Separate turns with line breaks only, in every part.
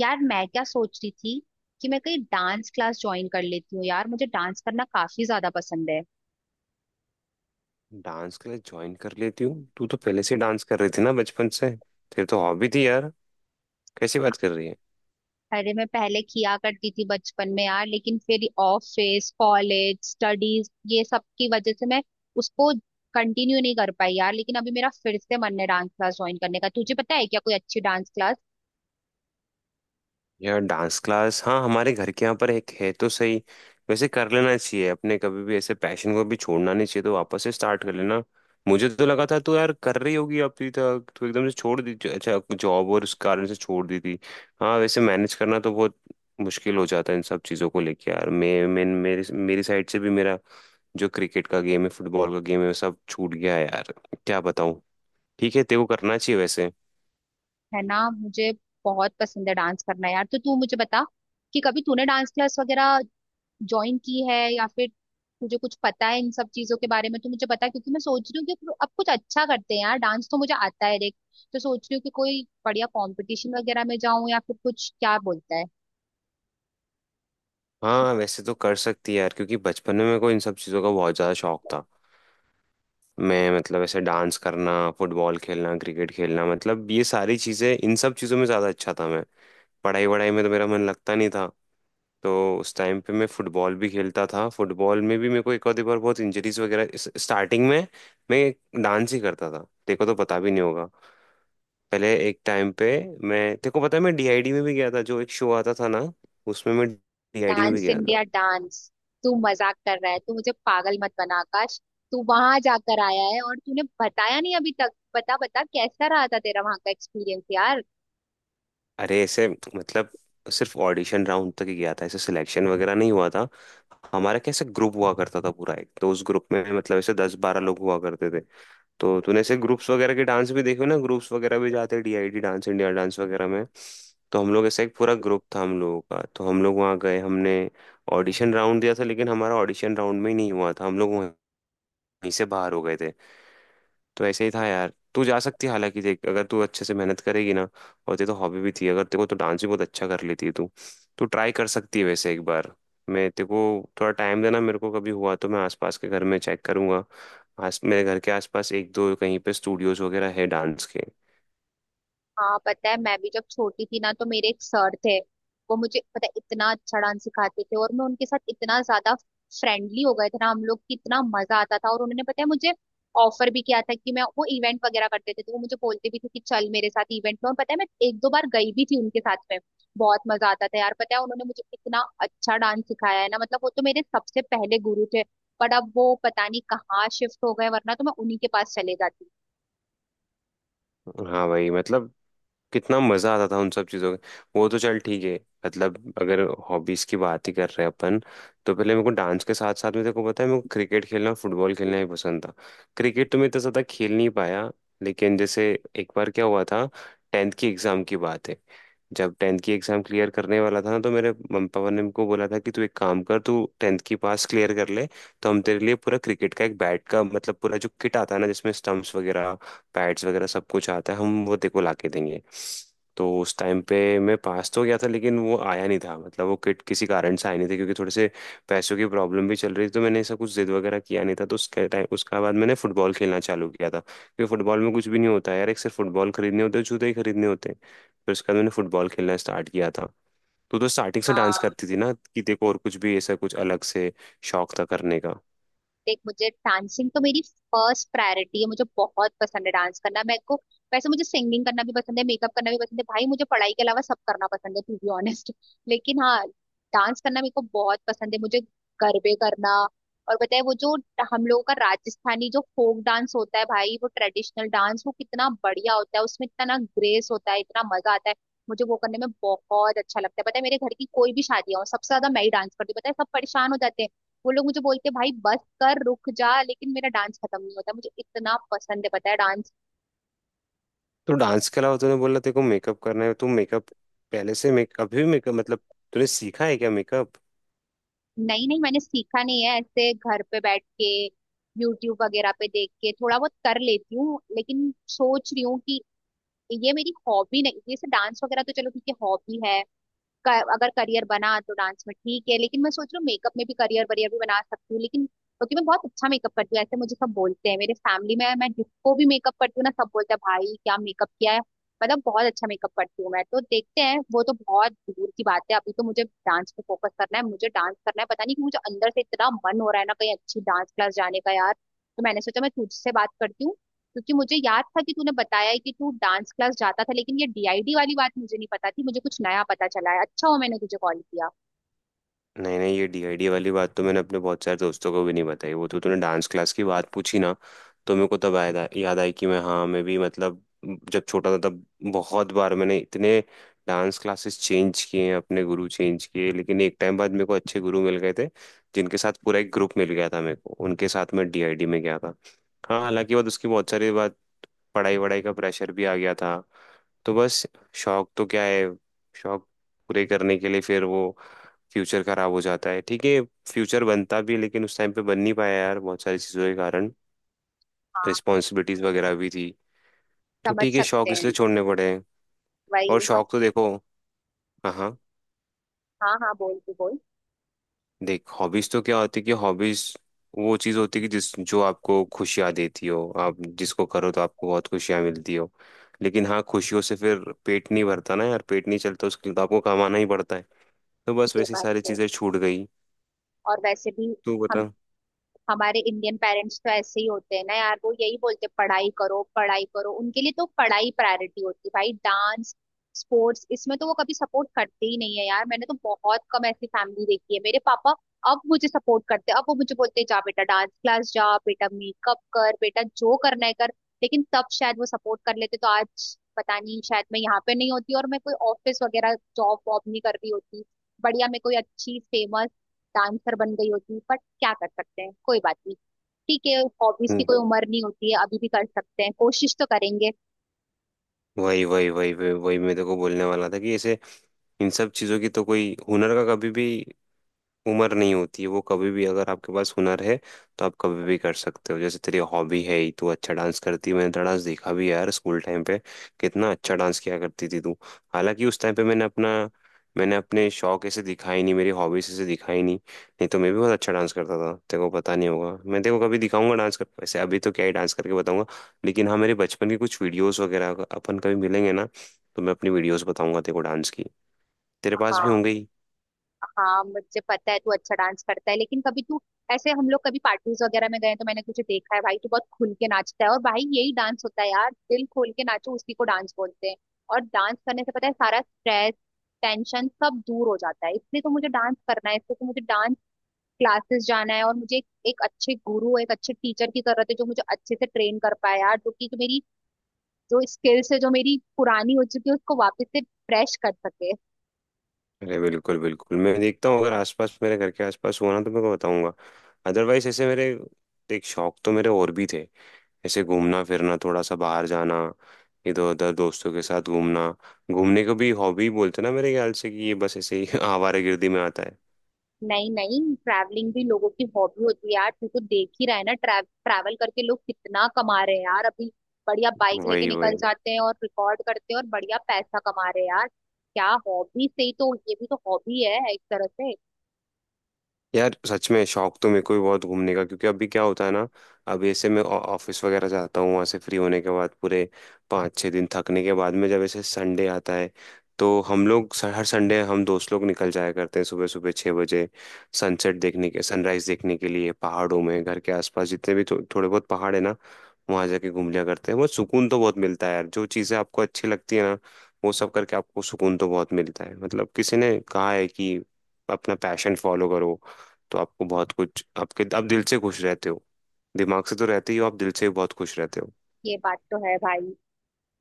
यार मैं क्या सोच रही थी कि मैं कहीं डांस क्लास ज्वाइन कर लेती हूँ। यार मुझे डांस करना काफी ज्यादा पसंद है।
डांस के लिए ज्वाइन कर लेती हूँ। तू तो पहले से डांस कर रही थी ना, बचपन से तेरी तो हॉबी थी यार। कैसी बात कर रही है।
अरे मैं पहले किया करती थी बचपन में यार, लेकिन फिर ऑफिस, कॉलेज, स्टडीज, ये सब की वजह से मैं उसको कंटिन्यू नहीं कर पाई यार। लेकिन अभी मेरा फिर से मन है डांस क्लास ज्वाइन करने का। तुझे पता है क्या कोई अच्छी डांस क्लास?
यार डांस क्लास, हाँ हमारे घर के यहाँ पर एक है तो सही। वैसे कर लेना चाहिए अपने, कभी भी ऐसे पैशन को भी छोड़ना नहीं चाहिए, तो वापस से स्टार्ट कर लेना। मुझे तो लगा था तो यार कर रही होगी अभी तक, तो एकदम से छोड़ दी। अच्छा जॉब और उस कारण से छोड़ दी थी। हाँ वैसे मैनेज करना तो बहुत मुश्किल हो जाता है इन सब चीज़ों को लेके यार। मैं मेरे मेरी साइड से भी मेरा जो क्रिकेट का गेम है, फुटबॉल का गेम है, वो सब छूट गया है यार, क्या बताऊँ। ठीक है तेरे को करना चाहिए वैसे।
है ना? मुझे बहुत पसंद है डांस करना यार। तो तू मुझे बता कि कभी तूने डांस क्लास वगैरह ज्वाइन की है, या फिर तुझे कुछ पता है इन सब चीजों के बारे में? तो मुझे बता, क्योंकि मैं सोच रही हूँ कि अब कुछ अच्छा करते हैं यार। डांस तो मुझे आता है, देख। तो सोच रही हूँ कि कोई बढ़िया कंपटीशन वगैरह में जाऊं, या फिर कुछ क्या बोलता है,
हाँ वैसे तो कर सकती है यार, क्योंकि बचपन में मेरे को इन सब चीज़ों का बहुत ज़्यादा शौक था। मैं मतलब ऐसे डांस करना, फुटबॉल खेलना, क्रिकेट खेलना, मतलब ये सारी चीज़ें, इन सब चीज़ों में ज़्यादा अच्छा था मैं। पढ़ाई वढ़ाई में तो मेरा मन लगता नहीं था। तो उस टाइम पे मैं फुटबॉल भी खेलता था, फुटबॉल में भी मेरे को एक आधी बार बहुत इंजरीज वगैरह। स्टार्टिंग में मैं डांस ही करता था, देखो तो पता भी नहीं होगा। पहले एक टाइम पे, मैं तेरे को पता है मैं डीआईडी में भी गया था, जो एक शो आता था ना, उसमें मैं डीआईडी में भी
डांस
गया था।
India dance. तू मजाक कर रहा है? तू मुझे पागल मत बना आकाश। तू वहां जाकर आया है और तूने बताया नहीं अभी तक? बता बता, कैसा रहा था तेरा वहां का एक्सपीरियंस यार?
अरे ऐसे मतलब सिर्फ ऑडिशन राउंड तक ही गया था, ऐसे सिलेक्शन वगैरह नहीं हुआ था हमारा। कैसे ग्रुप हुआ करता था पूरा एक, तो उस ग्रुप में मतलब ऐसे 10-12 लोग हुआ करते थे। तो तूने ऐसे ग्रुप्स वगैरह के डांस भी देखे हो ना, ग्रुप्स वगैरह भी जाते हैं डीआईडी डांस इंडिया डांस वगैरह में। तो हम लोग ऐसा एक पूरा ग्रुप था हम लोगों का, तो हम लोग वहाँ गए, हमने ऑडिशन राउंड दिया था, लेकिन हमारा ऑडिशन राउंड में ही नहीं हुआ था, हम लोग वहीं से बाहर हो गए थे। तो ऐसे ही था यार, तू जा सकती है। हालांकि देख अगर तू अच्छे से मेहनत करेगी ना, और तेरे तो हॉबी भी थी, अगर तेरे को तो डांस भी बहुत अच्छा कर लेती है तू, तू ट्राई कर सकती है वैसे एक बार। मैं तेरे को थोड़ा टाइम देना, मेरे को कभी हुआ तो मैं आसपास के घर में चेक करूंगा, आस मेरे घर के आसपास एक दो कहीं पे स्टूडियोज वगैरह है डांस के।
हाँ पता है, मैं भी जब छोटी थी ना, तो मेरे एक सर थे। वो मुझे पता है इतना अच्छा डांस सिखाते थे, और मैं उनके साथ इतना ज्यादा फ्रेंडली हो गए थे ना हम लोग, कि इतना मजा आता था। और उन्होंने पता है मुझे ऑफर भी किया था, कि मैं वो इवेंट वगैरह करते थे तो वो मुझे बोलते भी थे कि चल मेरे साथ इवेंट में। और पता है मैं एक दो बार गई भी थी उनके साथ में। बहुत मजा आता था यार। पता है उन्होंने मुझे इतना अच्छा डांस सिखाया है ना, मतलब वो तो मेरे सबसे पहले गुरु थे। पर अब वो पता नहीं कहाँ शिफ्ट हो गए, वरना तो मैं उन्हीं के पास चले जाती।
हाँ भाई मतलब कितना मजा आता था उन सब चीजों में। वो तो चल ठीक है, मतलब अगर हॉबीज की बात ही कर रहे हैं अपन, तो पहले मेरे को डांस के साथ साथ में, देखो पता है मेरे को क्रिकेट खेलना फुटबॉल खेलना भी पसंद था। क्रिकेट तो मैं इतना ज्यादा खेल नहीं पाया, लेकिन जैसे एक बार क्या हुआ था, टेंथ की एग्जाम की बात है। जब टेंथ की एग्जाम क्लियर करने वाला था ना, तो मेरे मम पापा ने मेरे बोला था कि तू एक काम कर, तू टेंथ की पास क्लियर कर ले, तो हम तेरे लिए पूरा क्रिकेट का एक बैट का मतलब पूरा जो किट आता है ना, जिसमें स्टंप्स वगैरह पैड्स वगैरह सब कुछ आता है, हम वो तेको ला के देंगे। तो उस टाइम पे मैं पास तो गया था, लेकिन वो आया नहीं था, मतलब वो किट किसी कारण से आया नहीं था, क्योंकि थोड़े से पैसों की प्रॉब्लम भी चल रही थी, तो मैंने ऐसा कुछ जिद वगैरह किया नहीं था। तो उसके टाइम उसके बाद मैंने फुटबॉल खेलना चालू किया था, क्योंकि फुटबॉल में कुछ भी नहीं होता है यार, एक सिर्फ फुटबॉल खरीदने होते हैं, जूते ही खरीदने होते हैं। फिर उसके बाद मैंने फुटबॉल खेलना स्टार्ट किया था। तो स्टार्टिंग से डांस
हाँ।
करती थी ना, कि देखो और कुछ भी ऐसा कुछ अलग से शौक था करने का।
देख मुझे डांसिंग तो मेरी फर्स्ट प्रायोरिटी है। मुझे बहुत पसंद है डांस करना मेरे को। वैसे मुझे सिंगिंग करना भी पसंद है, मेकअप करना भी पसंद है। भाई मुझे पढ़ाई के अलावा सब करना पसंद है टू बी ऑनेस्ट लेकिन हाँ, डांस करना मेरे को बहुत पसंद है। मुझे गरबे करना, और बताए वो जो हम लोगों का राजस्थानी जो फोक डांस होता है भाई, वो ट्रेडिशनल डांस, वो कितना बढ़िया होता है। उसमें इतना ना ग्रेस होता है, इतना मजा आता है। मुझे वो करने में बहुत अच्छा लगता है। पता है मेरे घर की कोई भी शादी हो, सबसे ज्यादा मैं ही डांस करती हूँ। पता है सब परेशान हो जाते हैं, वो लोग मुझे बोलते भाई बस कर, रुक जा। लेकिन मेरा डांस खत्म नहीं होता, मुझे इतना पसंद है पता है डांस।
तो डांस के अलावा तूने बोला तेरे को मेकअप करना है, तुम मेकअप पहले से, मेक अभी भी मेकअप मतलब, तूने सीखा है क्या मेकअप।
नहीं नहीं मैंने सीखा नहीं है, ऐसे घर पे बैठ के यूट्यूब वगैरह पे देख के थोड़ा बहुत कर लेती हूँ। लेकिन सोच रही हूँ कि ये मेरी हॉबी नहीं, जैसे डांस वगैरह तो चलो ठीक है हॉबी है। अगर करियर बना तो डांस में ठीक है, लेकिन मैं सोच रही हूँ मेकअप में भी करियर वरियर भी बना सकती हूँ। लेकिन क्योंकि मैं बहुत अच्छा मेकअप करती हूँ, ऐसे मुझे सब बोलते हैं, मेरे फैमिली में मैं जिसको भी मेकअप करती हूँ ना, सब बोलते हैं भाई क्या मेकअप किया है। मतलब बहुत अच्छा मेकअप करती हूँ मैं, तो देखते हैं, वो तो बहुत दूर की बात है। अभी तो मुझे डांस पे फोकस करना है, मुझे डांस करना है। पता नहीं कि मुझे अंदर से इतना मन हो रहा है ना कहीं अच्छी डांस क्लास जाने का यार। तो मैंने सोचा मैं तुझसे बात करती हूँ, क्योंकि मुझे याद था कि तूने बताया है कि तू डांस क्लास जाता था। लेकिन ये डीआईडी वाली बात मुझे नहीं पता थी, मुझे कुछ नया पता चला है। अच्छा हो मैंने तुझे कॉल किया।
नहीं नहीं, ये डीआईडी वाली बात तो मैंने अपने बहुत सारे दोस्तों को भी नहीं बताई, वो तो तूने डांस क्लास की बात पूछी ना, तो मेरे को तब आया, याद आई कि मैं हाँ मैं भी मतलब, जब छोटा था तब बहुत बार मैंने इतने डांस क्लासेस चेंज किए हैं, अपने गुरु चेंज किए, लेकिन एक टाइम बाद मेरे को अच्छे गुरु मिल गए थे, जिनके साथ पूरा एक ग्रुप मिल गया था मेरे को, उनके साथ मैं डीआईडी में गया था। हाँ हालांकि बाद उसकी बहुत सारी बात, पढ़ाई वढ़ाई का प्रेशर भी आ गया था, तो बस। शौक तो क्या है, शौक पूरे करने के लिए फिर वो फ्यूचर खराब हो जाता है। ठीक है, फ्यूचर बनता भी है, लेकिन उस टाइम पे बन नहीं पाया यार, बहुत सारी चीज़ों के कारण, रिस्पॉन्सिबिलिटीज वगैरह भी थी, तो
समझ
ठीक है,
सकते
शौक इसलिए
हैं।
छोड़ने पड़े हैं। और
वही।
शौक तो देखो, हाँ हाँ,
हाँ हाँ बोल, तू बोल।
देख हॉबीज तो क्या होती है, कि हॉबीज वो चीज़ होती है कि जिस, जो आपको खुशियाँ देती हो, आप जिसको करो तो आपको बहुत खुशियाँ मिलती हो। लेकिन हाँ, खुशियों से फिर पेट नहीं भरता ना यार, पेट नहीं चलता, उसके लिए तो आपको कमाना ही पड़ता है, तो बस
ये
वैसी
बात
सारी
तो।
चीज़ें छूट गई।
और वैसे भी
तू
हम
बता।
हमारे इंडियन पेरेंट्स तो ऐसे ही होते हैं ना यार। वो यही बोलते हैं, पढ़ाई करो पढ़ाई करो, उनके लिए तो पढ़ाई प्रायोरिटी होती है। भाई डांस, स्पोर्ट्स, इसमें तो वो कभी सपोर्ट करते ही नहीं है यार। मैंने तो बहुत कम ऐसी फैमिली देखी है। मेरे पापा अब मुझे सपोर्ट करते हैं, अब वो मुझे बोलते हैं जा बेटा डांस क्लास जा, बेटा मेकअप कर, बेटा जो करना है कर। लेकिन तब शायद वो सपोर्ट कर लेते तो आज पता नहीं, शायद मैं यहाँ पे नहीं होती और मैं कोई ऑफिस वगैरह जॉब वॉब नहीं कर रही होती। बढ़िया मैं कोई अच्छी फेमस डांसर बन गई होती, पर क्या कर सकते हैं, कोई बात नहीं। ठीक है, हॉबीज की
हम्म
कोई उम्र नहीं होती है, अभी भी कर सकते हैं, कोशिश तो करेंगे।
वही वही वही वही वही मैं तेरे को बोलने वाला था कि ऐसे इन सब चीजों की तो कोई, हुनर का कभी भी उम्र नहीं होती है, वो कभी भी अगर आपके पास हुनर है तो आप कभी भी कर सकते हो। जैसे तेरी हॉबी है ही, तू अच्छा डांस करती है, मैंने तेरा डांस देखा भी है यार, स्कूल टाइम पे कितना अच्छा डांस किया करती थी तू। हालांकि उस टाइम पे मैंने अपना, मैंने अपने शौक ऐसे दिखाई नहीं, मेरी हॉबीज ऐसे दिखाई नहीं, नहीं तो मैं भी बहुत अच्छा डांस करता था, तेरे को पता नहीं होगा। मैं तेरे को कभी दिखाऊंगा डांस कर, वैसे अभी तो क्या ही डांस करके बताऊंगा, लेकिन हाँ मेरे बचपन की कुछ वीडियोस वगैरह, अगर अपन कभी मिलेंगे ना, तो मैं अपनी वीडियोस बताऊंगा तेरे को डांस की, तेरे पास भी
हाँ
होंगे ही।
हाँ मुझे पता है तू अच्छा डांस करता है। लेकिन कभी तू, ऐसे हम लोग कभी पार्टीज वगैरह में गए हैं, तो मैंने तुझे देखा है भाई तू बहुत खुल के नाचता है। और भाई यही डांस होता है यार, दिल खोल के नाचो, उसी को डांस बोलते हैं। और डांस करने से पता है सारा स्ट्रेस, टेंशन सब दूर हो जाता है। इसलिए तो मुझे डांस करना है, इसलिए तो मुझे डांस क्लासेस जाना है। और मुझे एक अच्छे गुरु, एक अच्छे टीचर की जरूरत है, जो मुझे अच्छे से ट्रेन कर पाए यार। जो स्किल्स है जो मेरी पुरानी हो चुकी है उसको वापस से फ्रेश कर सके।
अरे बिल्कुल बिल्कुल, मैं देखता हूँ, अगर आसपास मेरे घर के आसपास हुआ ना, तो मैं को बताऊंगा। अदरवाइज ऐसे मेरे एक शौक तो मेरे और भी थे, ऐसे घूमना फिरना, थोड़ा सा बाहर जाना, इधर उधर दोस्तों के साथ घूमना। घूमने को भी हॉबी बोलते ना मेरे ख्याल से, कि ये बस ऐसे ही आवारागर्दी में आता है।
नहीं नहीं ट्रैवलिंग भी लोगों की हॉबी होती है यार। तू तो देख ही रहा है ना, ट्रैवल करके लोग कितना कमा रहे हैं यार अभी। बढ़िया बाइक लेके
वही
निकल
वही
जाते हैं और रिकॉर्ड करते हैं, और बढ़िया पैसा कमा रहे हैं यार, क्या हॉबी से ही। तो ये भी तो हॉबी है एक तरह से।
यार सच में शौक तो मेरे को भी बहुत घूमने का, क्योंकि अभी क्या होता है ना, अब ऐसे मैं ऑफिस वगैरह जाता हूँ, वहाँ से फ्री होने के बाद पूरे 5-6 दिन थकने के बाद में, जब ऐसे संडे आता है, तो हम लोग हर संडे हम दोस्त लोग निकल जाया करते हैं सुबह सुबह 6 बजे, सनसेट देखने के, सनराइज देखने के लिए, पहाड़ों में घर के आसपास जितने भी थोड़े बहुत पहाड़ है ना, वहाँ जाके घूम लिया करते हैं। बहुत सुकून तो बहुत मिलता है यार, जो चीज़ें आपको अच्छी लगती है ना, वो सब करके आपको सुकून तो बहुत मिलता है। मतलब किसी ने कहा है कि अपना पैशन फॉलो करो, तो आपको बहुत कुछ, आपके आप दिल से खुश रहते हो, दिमाग से तो रहते ही हो, आप दिल से भी बहुत खुश रहते हो।
ये बात तो है भाई।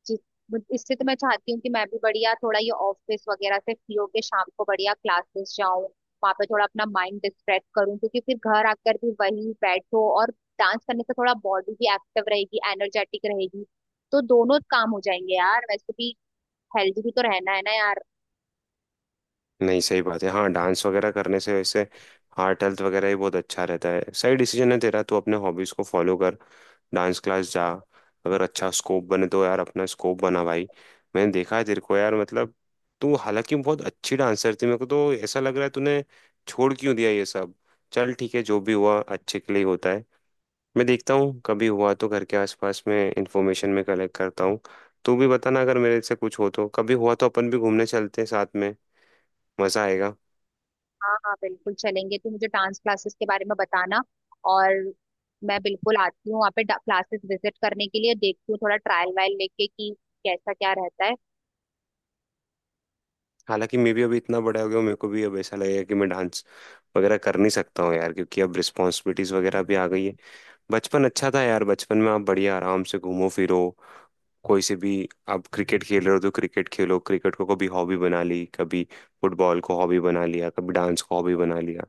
जिस बट इससे तो मैं चाहती हूँ कि मैं भी बढ़िया थोड़ा ये ऑफिस वगैरह से फ्री होके शाम को बढ़िया क्लासेस जाऊं, वहां पे थोड़ा अपना माइंड डिस्ट्रैक्ट करूँ, क्योंकि फिर घर आकर भी वही बैठो। और डांस करने से थोड़ा बॉडी भी एक्टिव रहेगी, एनर्जेटिक रहेगी। तो दोनों काम हो जाएंगे यार, वैसे भी हेल्दी भी तो रहना है ना यार।
नहीं सही बात है, हाँ डांस वगैरह करने से वैसे हार्ट हेल्थ वगैरह भी बहुत अच्छा रहता है। सही डिसीजन है तेरा, तू अपने हॉबीज को फॉलो कर, डांस क्लास जा, अगर अच्छा स्कोप बने तो यार अपना स्कोप बना भाई। मैंने देखा है तेरे को यार, मतलब तू हालांकि बहुत अच्छी डांसर थी, मेरे को तो ऐसा लग रहा है तूने छोड़ क्यों दिया ये सब। चल ठीक है, जो भी हुआ अच्छे के लिए ही होता है। मैं देखता हूँ कभी हुआ तो घर के आसपास में इंफॉर्मेशन में कलेक्ट करता हूँ, तू भी बताना अगर मेरे से कुछ हो तो। कभी हुआ तो अपन भी घूमने चलते हैं साथ में, मज़ा आएगा।
हाँ हाँ बिल्कुल चलेंगे। तो मुझे डांस क्लासेस के बारे में बताना, और मैं बिल्कुल आती हूँ वहाँ पे क्लासेस विजिट करने के लिए। देखती हूँ थोड़ा ट्रायल वायल लेके कि कैसा क्या रहता है।
हालांकि मैं भी अभी इतना बड़ा हो गया हूँ, मेरे को भी अब ऐसा लगेगा कि मैं डांस वगैरह कर नहीं सकता हूँ यार, क्योंकि अब रिस्पॉन्सिबिलिटीज़ वगैरह भी आ गई है। बचपन अच्छा था यार, बचपन में आप बढ़िया आराम से घूमो फिरो, कोई से भी आप क्रिकेट खेल रहे हो तो क्रिकेट खेलो। क्रिकेट को कभी हॉबी बना ली, कभी फुटबॉल को हॉबी बना लिया, कभी डांस को हॉबी बना लिया,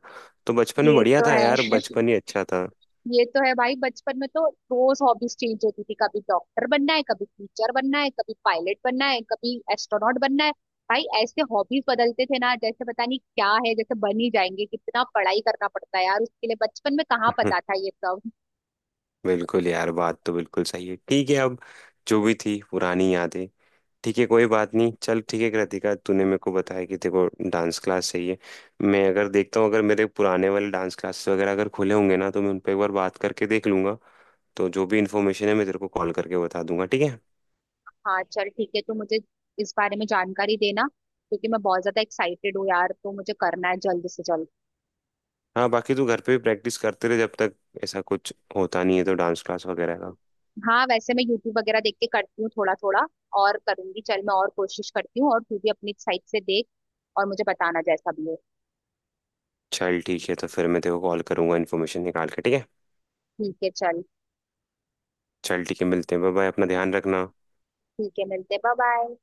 तो बचपन में
ये
बढ़िया
तो
था यार,
है,
बचपन ही अच्छा था।
ये तो है भाई। बचपन में तो रोज हॉबीज चेंज होती थी, कभी डॉक्टर बनना है, कभी टीचर बनना है, कभी पायलट बनना है, कभी एस्ट्रोनॉट बनना है। भाई ऐसे हॉबीज बदलते थे ना, जैसे पता नहीं क्या है जैसे बन ही जाएंगे। कितना पढ़ाई करना पड़ता है यार उसके लिए, बचपन में कहाँ
हम्म,
पता था ये सब।
बिल्कुल यार, बात तो बिल्कुल सही है। ठीक है, अब जो भी थी पुरानी यादें, ठीक है कोई बात नहीं। चल ठीक है कृतिका, तूने मेरे को बताया कि तेरे को डांस क्लास चाहिए, मैं अगर देखता हूँ, अगर मेरे पुराने वाले डांस क्लासेस वगैरह अगर खुले होंगे ना, तो मैं उन पर एक बार बात करके देख लूंगा, तो जो भी इन्फॉर्मेशन है मैं तेरे को कॉल करके बता दूंगा, ठीक है।
हाँ चल ठीक है, तो मुझे इस बारे में जानकारी देना, क्योंकि मैं बहुत ज्यादा एक्साइटेड हूँ यार, तो मुझे करना है जल्द से जल्द।
हाँ बाकी तू घर पे भी प्रैक्टिस करते रहे, जब तक ऐसा कुछ होता नहीं है तो डांस क्लास वगैरह का।
हाँ वैसे मैं यूट्यूब वगैरह देख के करती हूँ थोड़ा थोड़ा, और करूंगी। चल मैं और कोशिश करती हूँ, और तू भी अपनी साइड से देख, और मुझे बताना जैसा भी हो।
चल ठीक है, तो फिर मैं तेरे को कॉल करूंगा इन्फॉर्मेशन निकाल के, ठीक है।
ठीक है चल,
चल ठीक है, मिलते हैं, बाय बाय, अपना ध्यान रखना।
ठीक है मिलते, बाय बाय।